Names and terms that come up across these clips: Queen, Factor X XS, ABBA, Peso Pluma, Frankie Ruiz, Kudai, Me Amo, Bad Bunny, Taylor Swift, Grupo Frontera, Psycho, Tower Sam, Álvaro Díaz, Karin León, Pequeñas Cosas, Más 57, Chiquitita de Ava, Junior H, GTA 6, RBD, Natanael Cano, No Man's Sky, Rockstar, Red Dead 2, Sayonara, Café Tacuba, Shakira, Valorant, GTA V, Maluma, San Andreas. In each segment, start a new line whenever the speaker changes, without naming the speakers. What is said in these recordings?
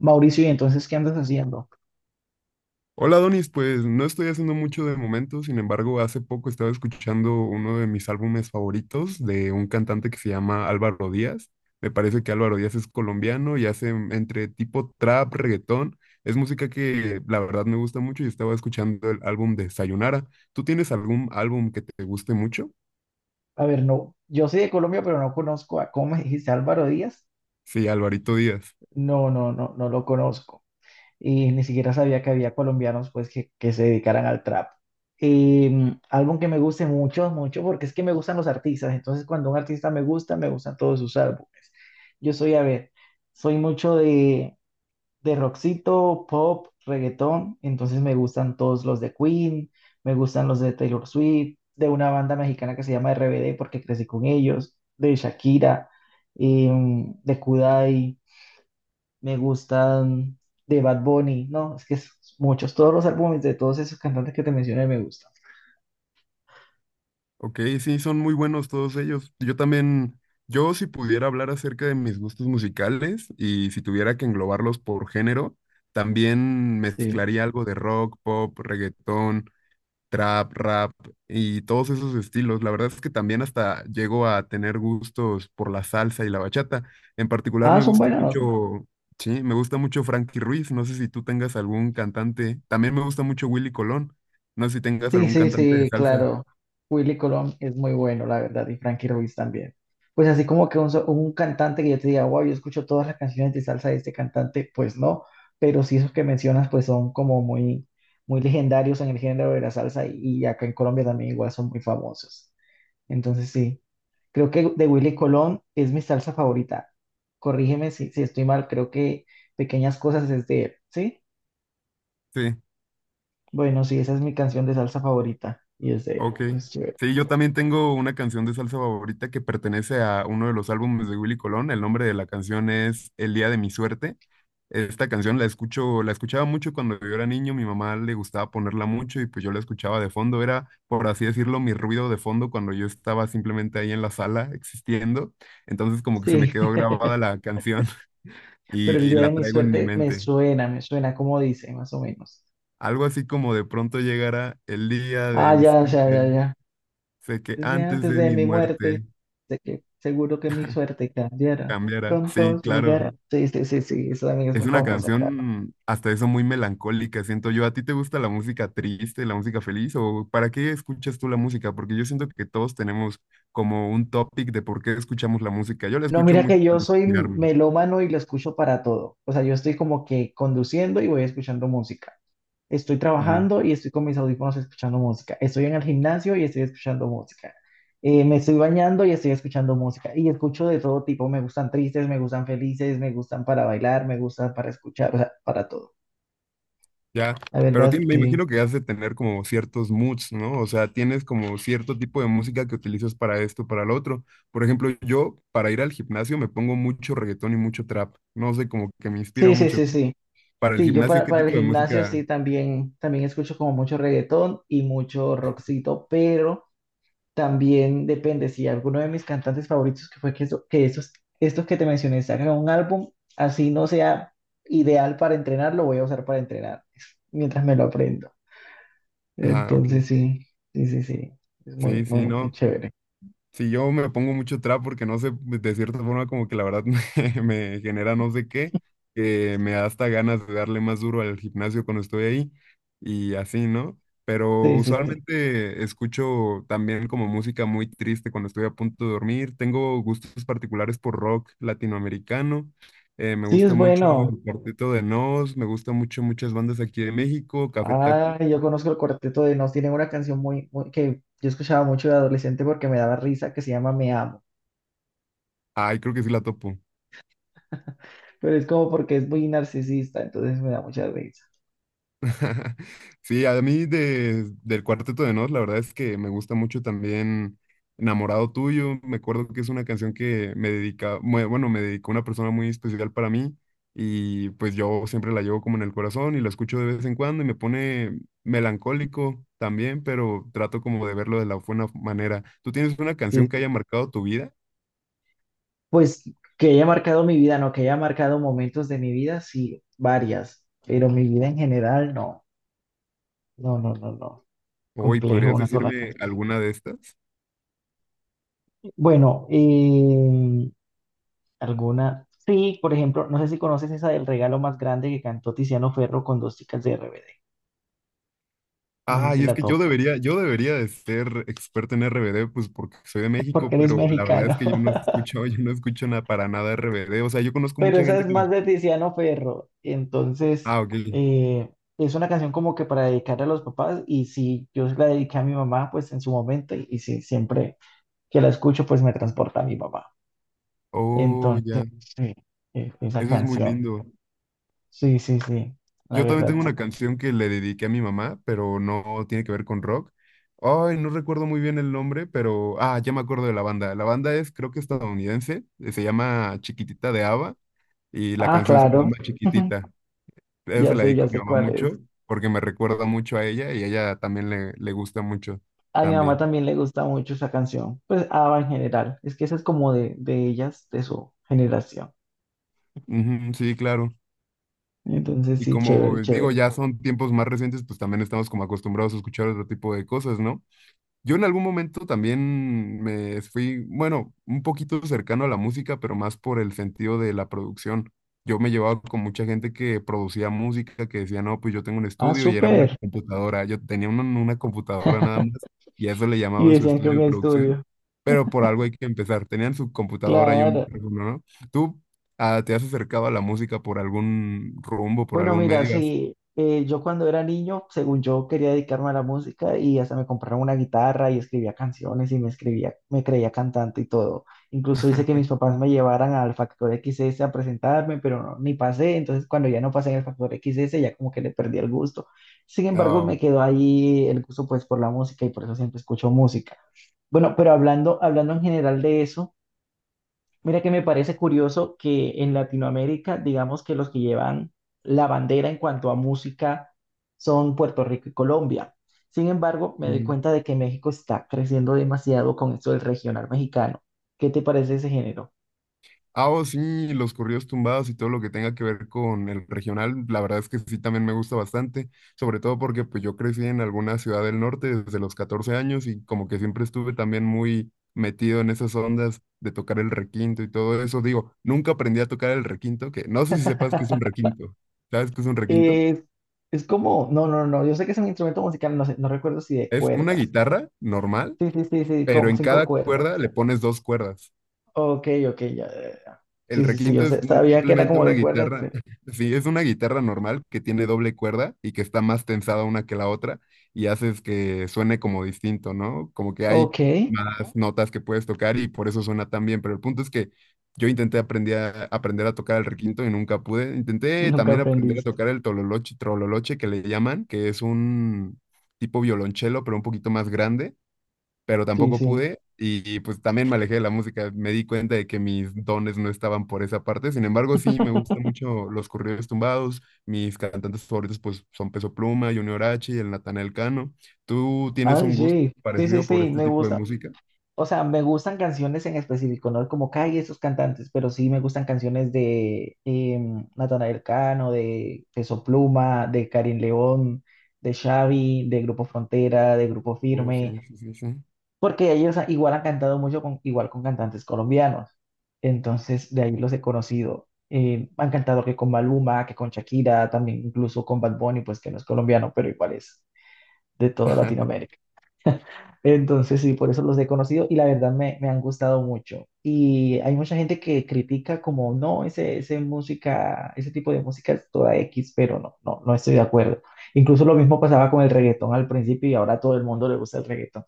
Mauricio, ¿y entonces qué andas haciendo?
Hola Donis, pues no estoy haciendo mucho de momento, sin embargo, hace poco estaba escuchando uno de mis álbumes favoritos de un cantante que se llama Álvaro Díaz. Me parece que Álvaro Díaz es colombiano y hace entre tipo trap, reggaetón. Es música que la verdad me gusta mucho y estaba escuchando el álbum de Sayonara. ¿Tú tienes algún álbum que te guste mucho?
A ver, no, yo soy de Colombia, pero no conozco a, ¿cómo me dijiste, Álvaro Díaz?
Sí, Alvarito Díaz.
No, no, no, no lo conozco. Y ni siquiera sabía que había colombianos, pues, que se dedicaran al trap. Eh, Álbum que me guste mucho, mucho, porque es que me gustan los artistas. Entonces, cuando un artista me gusta, me gustan todos sus álbumes. Yo soy, a ver, soy mucho de rockcito, pop, reggaetón, entonces me gustan todos los de Queen, me gustan los de Taylor Swift, de una banda mexicana que se llama RBD porque crecí con ellos, de Shakira, de Kudai, me gustan de Bad Bunny, no, es que es muchos, todos los álbumes de todos esos cantantes que te mencioné me gustan.
Ok, sí, son muy buenos todos ellos. Yo también, yo si pudiera hablar acerca de mis gustos musicales y si tuviera que englobarlos por género, también
Sí.
mezclaría algo de rock, pop, reggaetón, trap, rap y todos esos estilos. La verdad es que también hasta llego a tener gustos por la salsa y la bachata. En particular
Ah,
me
son
gusta
buenas.
mucho, sí, me gusta mucho Frankie Ruiz. No sé si tú tengas algún cantante. También me gusta mucho Willy Colón. No sé si tengas
Sí,
algún
sí,
cantante de
sí,
salsa.
claro. Willy Colón es muy bueno, la verdad, y Frankie Ruiz también. Pues así como que un, un cantante que yo te diga, wow, yo escucho todas las canciones de salsa de este cantante, pues no, pero sí esos que mencionas, pues son como muy, muy legendarios en el género de la salsa y acá en Colombia también igual son muy famosos. Entonces sí, creo que de Willy Colón es mi salsa favorita. Corrígeme si estoy mal, creo que Pequeñas Cosas es de él, ¿sí?
Sí.
Bueno, sí, esa es mi canción de salsa favorita y es de él,
Ok.
pues chévere.
Sí, yo también tengo una canción de salsa favorita que pertenece a uno de los álbumes de Willy Colón. El nombre de la canción es El día de mi suerte. Esta canción la escucho, la escuchaba mucho cuando yo era niño. Mi mamá le gustaba ponerla mucho y pues yo la escuchaba de fondo. Era, por así decirlo, mi ruido de fondo cuando yo estaba simplemente ahí en la sala existiendo. Entonces como que se me
Sí,
quedó grabada la canción
pero el
y
día de
la
mi
traigo en mi
suerte
mente.
me suena como dice, más o menos.
Algo así como de pronto llegará el día de
Ah,
mi
ya, ya, ya,
suerte.
ya.
Sé que
Desde
antes
antes
de
de
mi
mi muerte,
muerte.
de que seguro que mi suerte cambiará.
Cambiara. Sí,
Pronto llegará.
claro.
Sí, sí, sí, sí, esa también es
Es
muy
una
famosa, claro.
canción hasta eso muy melancólica, siento yo. ¿A ti te gusta la música triste, la música feliz o para qué escuchas tú la música? Porque yo siento que todos tenemos como un topic de por qué escuchamos la música. Yo la
No,
escucho
mira
mucho
que yo
para
soy
inspirarme.
melómano y lo escucho para todo. O sea, yo estoy como que conduciendo y voy escuchando música. Estoy
Ujú.
trabajando y estoy con mis audífonos escuchando música. Estoy en el gimnasio y estoy escuchando música. Me estoy bañando y estoy escuchando música. Y escucho de todo tipo. Me gustan tristes, me gustan felices, me gustan para bailar, me gustan para escuchar, o sea, para todo.
Ya,
La
pero
verdad,
me
sí.
imagino que has de tener como ciertos moods, ¿no? O sea, tienes como cierto tipo de música que utilizas para esto, para lo otro. Por ejemplo, yo para ir al gimnasio me pongo mucho reggaetón y mucho trap. No sé, como que me inspira
Sí, sí,
mucho.
sí, sí.
Para el
Sí, yo
gimnasio, ¿qué
para el
tipo de
gimnasio
música?
sí también, también escucho como mucho reggaetón y mucho rockcito, pero también depende si alguno de mis cantantes favoritos, que fue que, eso- que esos, estos que te mencioné, sacan un álbum, así no sea ideal para entrenar, lo voy a usar para entrenar mientras me lo aprendo.
Ajá, ok.
Entonces, sí, sí, sí, sí, es muy,
Sí, sí,
muy, muy
no.
chévere.
Sí, yo me pongo mucho trap porque no sé, de cierta forma como que la verdad me genera no sé qué, que me da hasta ganas de darle más duro al gimnasio cuando estoy ahí y así, ¿no? Pero
Sí, sí, sí.
usualmente escucho también como música muy triste cuando estoy a punto de dormir. Tengo gustos particulares por rock latinoamericano. Me
Sí, es
gusta mucho
bueno.
el Cuarteto de Nos, me gusta mucho muchas bandas aquí de México, Café Tacuba.
Ah, yo conozco el cuarteto de Nos. Tienen una canción que yo escuchaba mucho de adolescente porque me daba risa, que se llama Me Amo.
Ay, creo que sí la topo.
Pero es como porque es muy narcisista, entonces me da mucha risa.
Sí, a mí de, del Cuarteto de Nos, la verdad es que me gusta mucho también Enamorado Tuyo. Me acuerdo que es una canción que me dedica, bueno, me dedicó una persona muy especial para mí y pues yo siempre la llevo como en el corazón y la escucho de vez en cuando y me pone melancólico también, pero trato como de verlo de la buena manera. ¿Tú tienes una
Sí,
canción que
sí,
haya marcado tu vida?
pues que haya marcado mi vida, no, que haya marcado momentos de mi vida, sí, varias, pero mi vida en general, no, no, no, no, no,
Hoy,
complejo
¿podrías
una sola
decirme
canción.
alguna de estas?
Bueno, alguna, sí, por ejemplo, no sé si conoces esa del regalo más grande que cantó Tiziano Ferro con dos chicas de RBD, no sé
Ah,
si
y es
la
que yo
topas,
debería, yo debería de ser experto en RBD, pues porque soy de
porque
México,
eres
pero la verdad
mexicano,
es que yo no escucho, yo no escucho nada para nada RBD. O sea, yo conozco
pero
mucha
esa
gente
es
que los...
más de Tiziano Ferro, entonces,
Ah, ok.
eh, es una canción como que para dedicarle a los papás y si yo se la dediqué a mi mamá, pues en su momento y sí, siempre que la escucho, pues me transporta a mi papá.
Oh,
Entonces,
ya.
sí, esa
Eso es muy
canción.
lindo.
Sí, sí, sí, la
Yo también
verdad,
tengo
sí.
una canción que le dediqué a mi mamá, pero no tiene que ver con rock. Ay, no recuerdo muy bien el nombre, pero... Ah, ya me acuerdo de la banda. La banda es, creo que estadounidense, se llama Chiquitita de Ava y la
Ah,
canción se
claro,
llama Chiquitita. Esa se la dedico
ya
a mi
sé
mamá
cuál
mucho
es.
porque me recuerda mucho a ella y a ella también le gusta mucho
A mi mamá
también.
también le gusta mucho esa canción, pues ABBA en general. Es que esa es como de ellas, de su generación.
Ujú, sí, claro.
Entonces,
Y
sí,
como
chévere,
digo,
chévere.
ya son tiempos más recientes, pues también estamos como acostumbrados a escuchar otro tipo de cosas, ¿no? Yo en algún momento también me fui, bueno, un poquito cercano a la música, pero más por el sentido de la producción. Yo me llevaba con mucha gente que producía música, que decía, no, pues yo tengo un
Ah,
estudio y era una
súper.
computadora. Yo tenía una computadora nada más y a eso le
Y
llamaban su
decían que
estudio
un
de producción.
estudio.
Pero por algo hay que empezar. Tenían su computadora y un
Claro.
micrófono, ¿no? ¿Tú te has acercado a la música por algún rumbo, por
Bueno,
algún
mira,
medio?
sí, yo cuando era niño, según yo, quería dedicarme a la música y hasta me compraron una guitarra y escribía canciones y me escribía, me creía cantante y todo. Incluso hice que mis papás me llevaran al Factor X XS a presentarme, pero no, ni pasé. Entonces, cuando ya no pasé en el Factor X XS, ya como que le perdí el gusto. Sin embargo,
Ah,
me quedó ahí el gusto pues por la música y por eso siempre escucho música. Bueno, pero hablando en general de eso. Mira que me parece curioso que en Latinoamérica, digamos que los que llevan la bandera en cuanto a música son Puerto Rico y Colombia. Sin embargo, me doy
ujú.
cuenta de que México está creciendo demasiado con esto del regional mexicano. ¿Qué te parece ese género?
Ah, oh, sí, los corridos tumbados y todo lo que tenga que ver con el regional, la verdad es que sí, también me gusta bastante, sobre todo porque pues yo crecí en alguna ciudad del norte desde los 14 años y como que siempre estuve también muy metido en esas ondas de tocar el requinto y todo eso. Digo, nunca aprendí a tocar el requinto, que no sé si sepas qué es un requinto. ¿Sabes qué es un requinto?
Eh, es como, no, no, no, yo sé que es un instrumento musical, no sé, no recuerdo si de
Es una
cuerdas.
guitarra normal,
Sí, sí, sí, sí,
pero
con
en
cinco
cada
cuerdas.
cuerda le pones dos cuerdas.
Ok, ok, ya, ya,
El
Sí, yo
requinto es
sabía que era
simplemente
como
una
de cuerdas,
guitarra.
pero...
Sí, es una guitarra normal que tiene doble cuerda y que está más tensada una que la otra y haces que suene como distinto, ¿no? Como que hay
Ok,
más notas que puedes tocar y por eso suena tan bien. Pero el punto es que yo intenté aprender a tocar el requinto y nunca pude. Intenté
nunca
también aprender a
aprendiste.
tocar el tololoche, trololoche que le llaman, que es un tipo violonchelo, pero un poquito más grande, pero
Sí,
tampoco
sí.
pude pues también me alejé de la música. Me di cuenta de que mis dones no estaban por esa parte. Sin embargo, sí, me gustan mucho los corridos tumbados. Mis cantantes favoritos pues son Peso Pluma, Junior H y el Natanael Cano. ¿Tú tienes
Ay,
un gusto
sí, sí, sí,
parecido por
sí,
este
me
tipo de
gusta.
música?
O sea, me gustan canciones en específico, no es como Kai y esos cantantes, pero sí me gustan canciones de Natanael Cano, de Peso Pluma, de Karin León, de Xavi, de Grupo Frontera, de Grupo
Oh, sí,
Firme,
sí, sí, sí.
porque ellos igual han cantado mucho con, igual con cantantes colombianos. Entonces, de ahí los he conocido. Han cantado que con Maluma, que con Shakira, también incluso con Bad Bunny, pues que no es colombiano, pero igual es de toda Latinoamérica. Entonces, sí, por eso los he conocido y la verdad me han gustado mucho. Y hay mucha gente que critica como, no, ese música, ese tipo de música es toda X, pero no, no, no estoy de acuerdo. Incluso lo mismo pasaba con el reggaetón al principio y ahora a todo el mundo le gusta el reggaetón.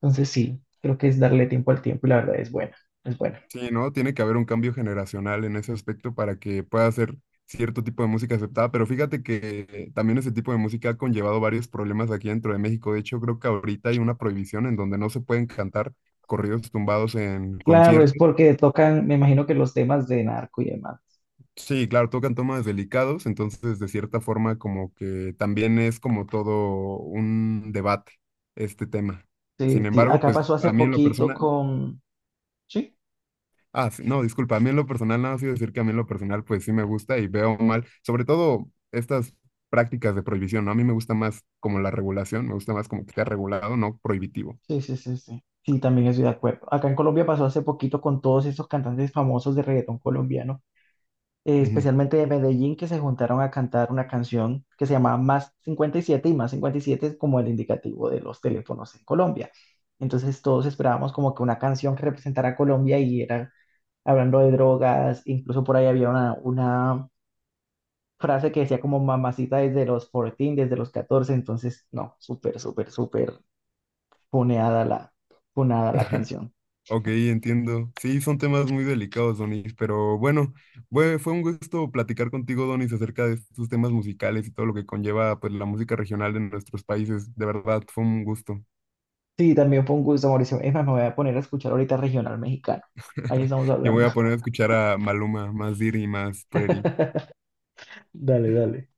Entonces, sí, creo que es darle tiempo al tiempo y la verdad es buena, es buena.
Sí, ¿no? Tiene que haber un cambio generacional en ese aspecto para que pueda ser cierto tipo de música aceptada, pero fíjate que también ese tipo de música ha conllevado varios problemas aquí dentro de México. De hecho, creo que ahorita hay una prohibición en donde no se pueden cantar corridos tumbados en
Claro, es
conciertos.
porque tocan, me imagino que los temas de narco y demás.
Sí, claro, tocan temas delicados, entonces de cierta forma como que también es como todo un debate este tema.
Sí,
Sin
sí,
embargo,
acá
pues
pasó hace
a mí en lo
poquito
personal...
con, sí,
Ah, sí, no, disculpa, a mí en lo personal, nada más iba a decir que a mí en lo personal, pues sí me gusta y veo mal, sobre todo estas prácticas de prohibición, ¿no? A mí me gusta más como la regulación, me gusta más como que sea regulado, no prohibitivo.
sí, sí, sí, sí. Sí, también estoy de acuerdo. Acá en Colombia pasó hace poquito con todos esos cantantes famosos de reggaetón colombiano,
Ujú.
especialmente de Medellín, que se juntaron a cantar una canción que se llamaba Más cincuenta y siete y Más 57 es como el indicativo de los teléfonos en Colombia. Entonces todos esperábamos como que una canción que representara a Colombia y era hablando de drogas, incluso por ahí había una frase que decía como mamacita desde los 14, desde los 14, entonces no, súper, súper, súper puneada la, punada la canción.
Ok, entiendo. Sí, son temas muy delicados, Donis, pero bueno, fue un gusto platicar contigo, Donis, acerca de estos temas musicales y todo lo que conlleva, pues, la música regional de nuestros países. De verdad, fue un gusto.
Sí, también fue un gusto, Mauricio. Es más, me voy a poner a escuchar ahorita regional mexicano. Ahí estamos
Yo voy
hablando.
a poner a escuchar a Maluma, más Diri, más Pretty.
Dale, dale.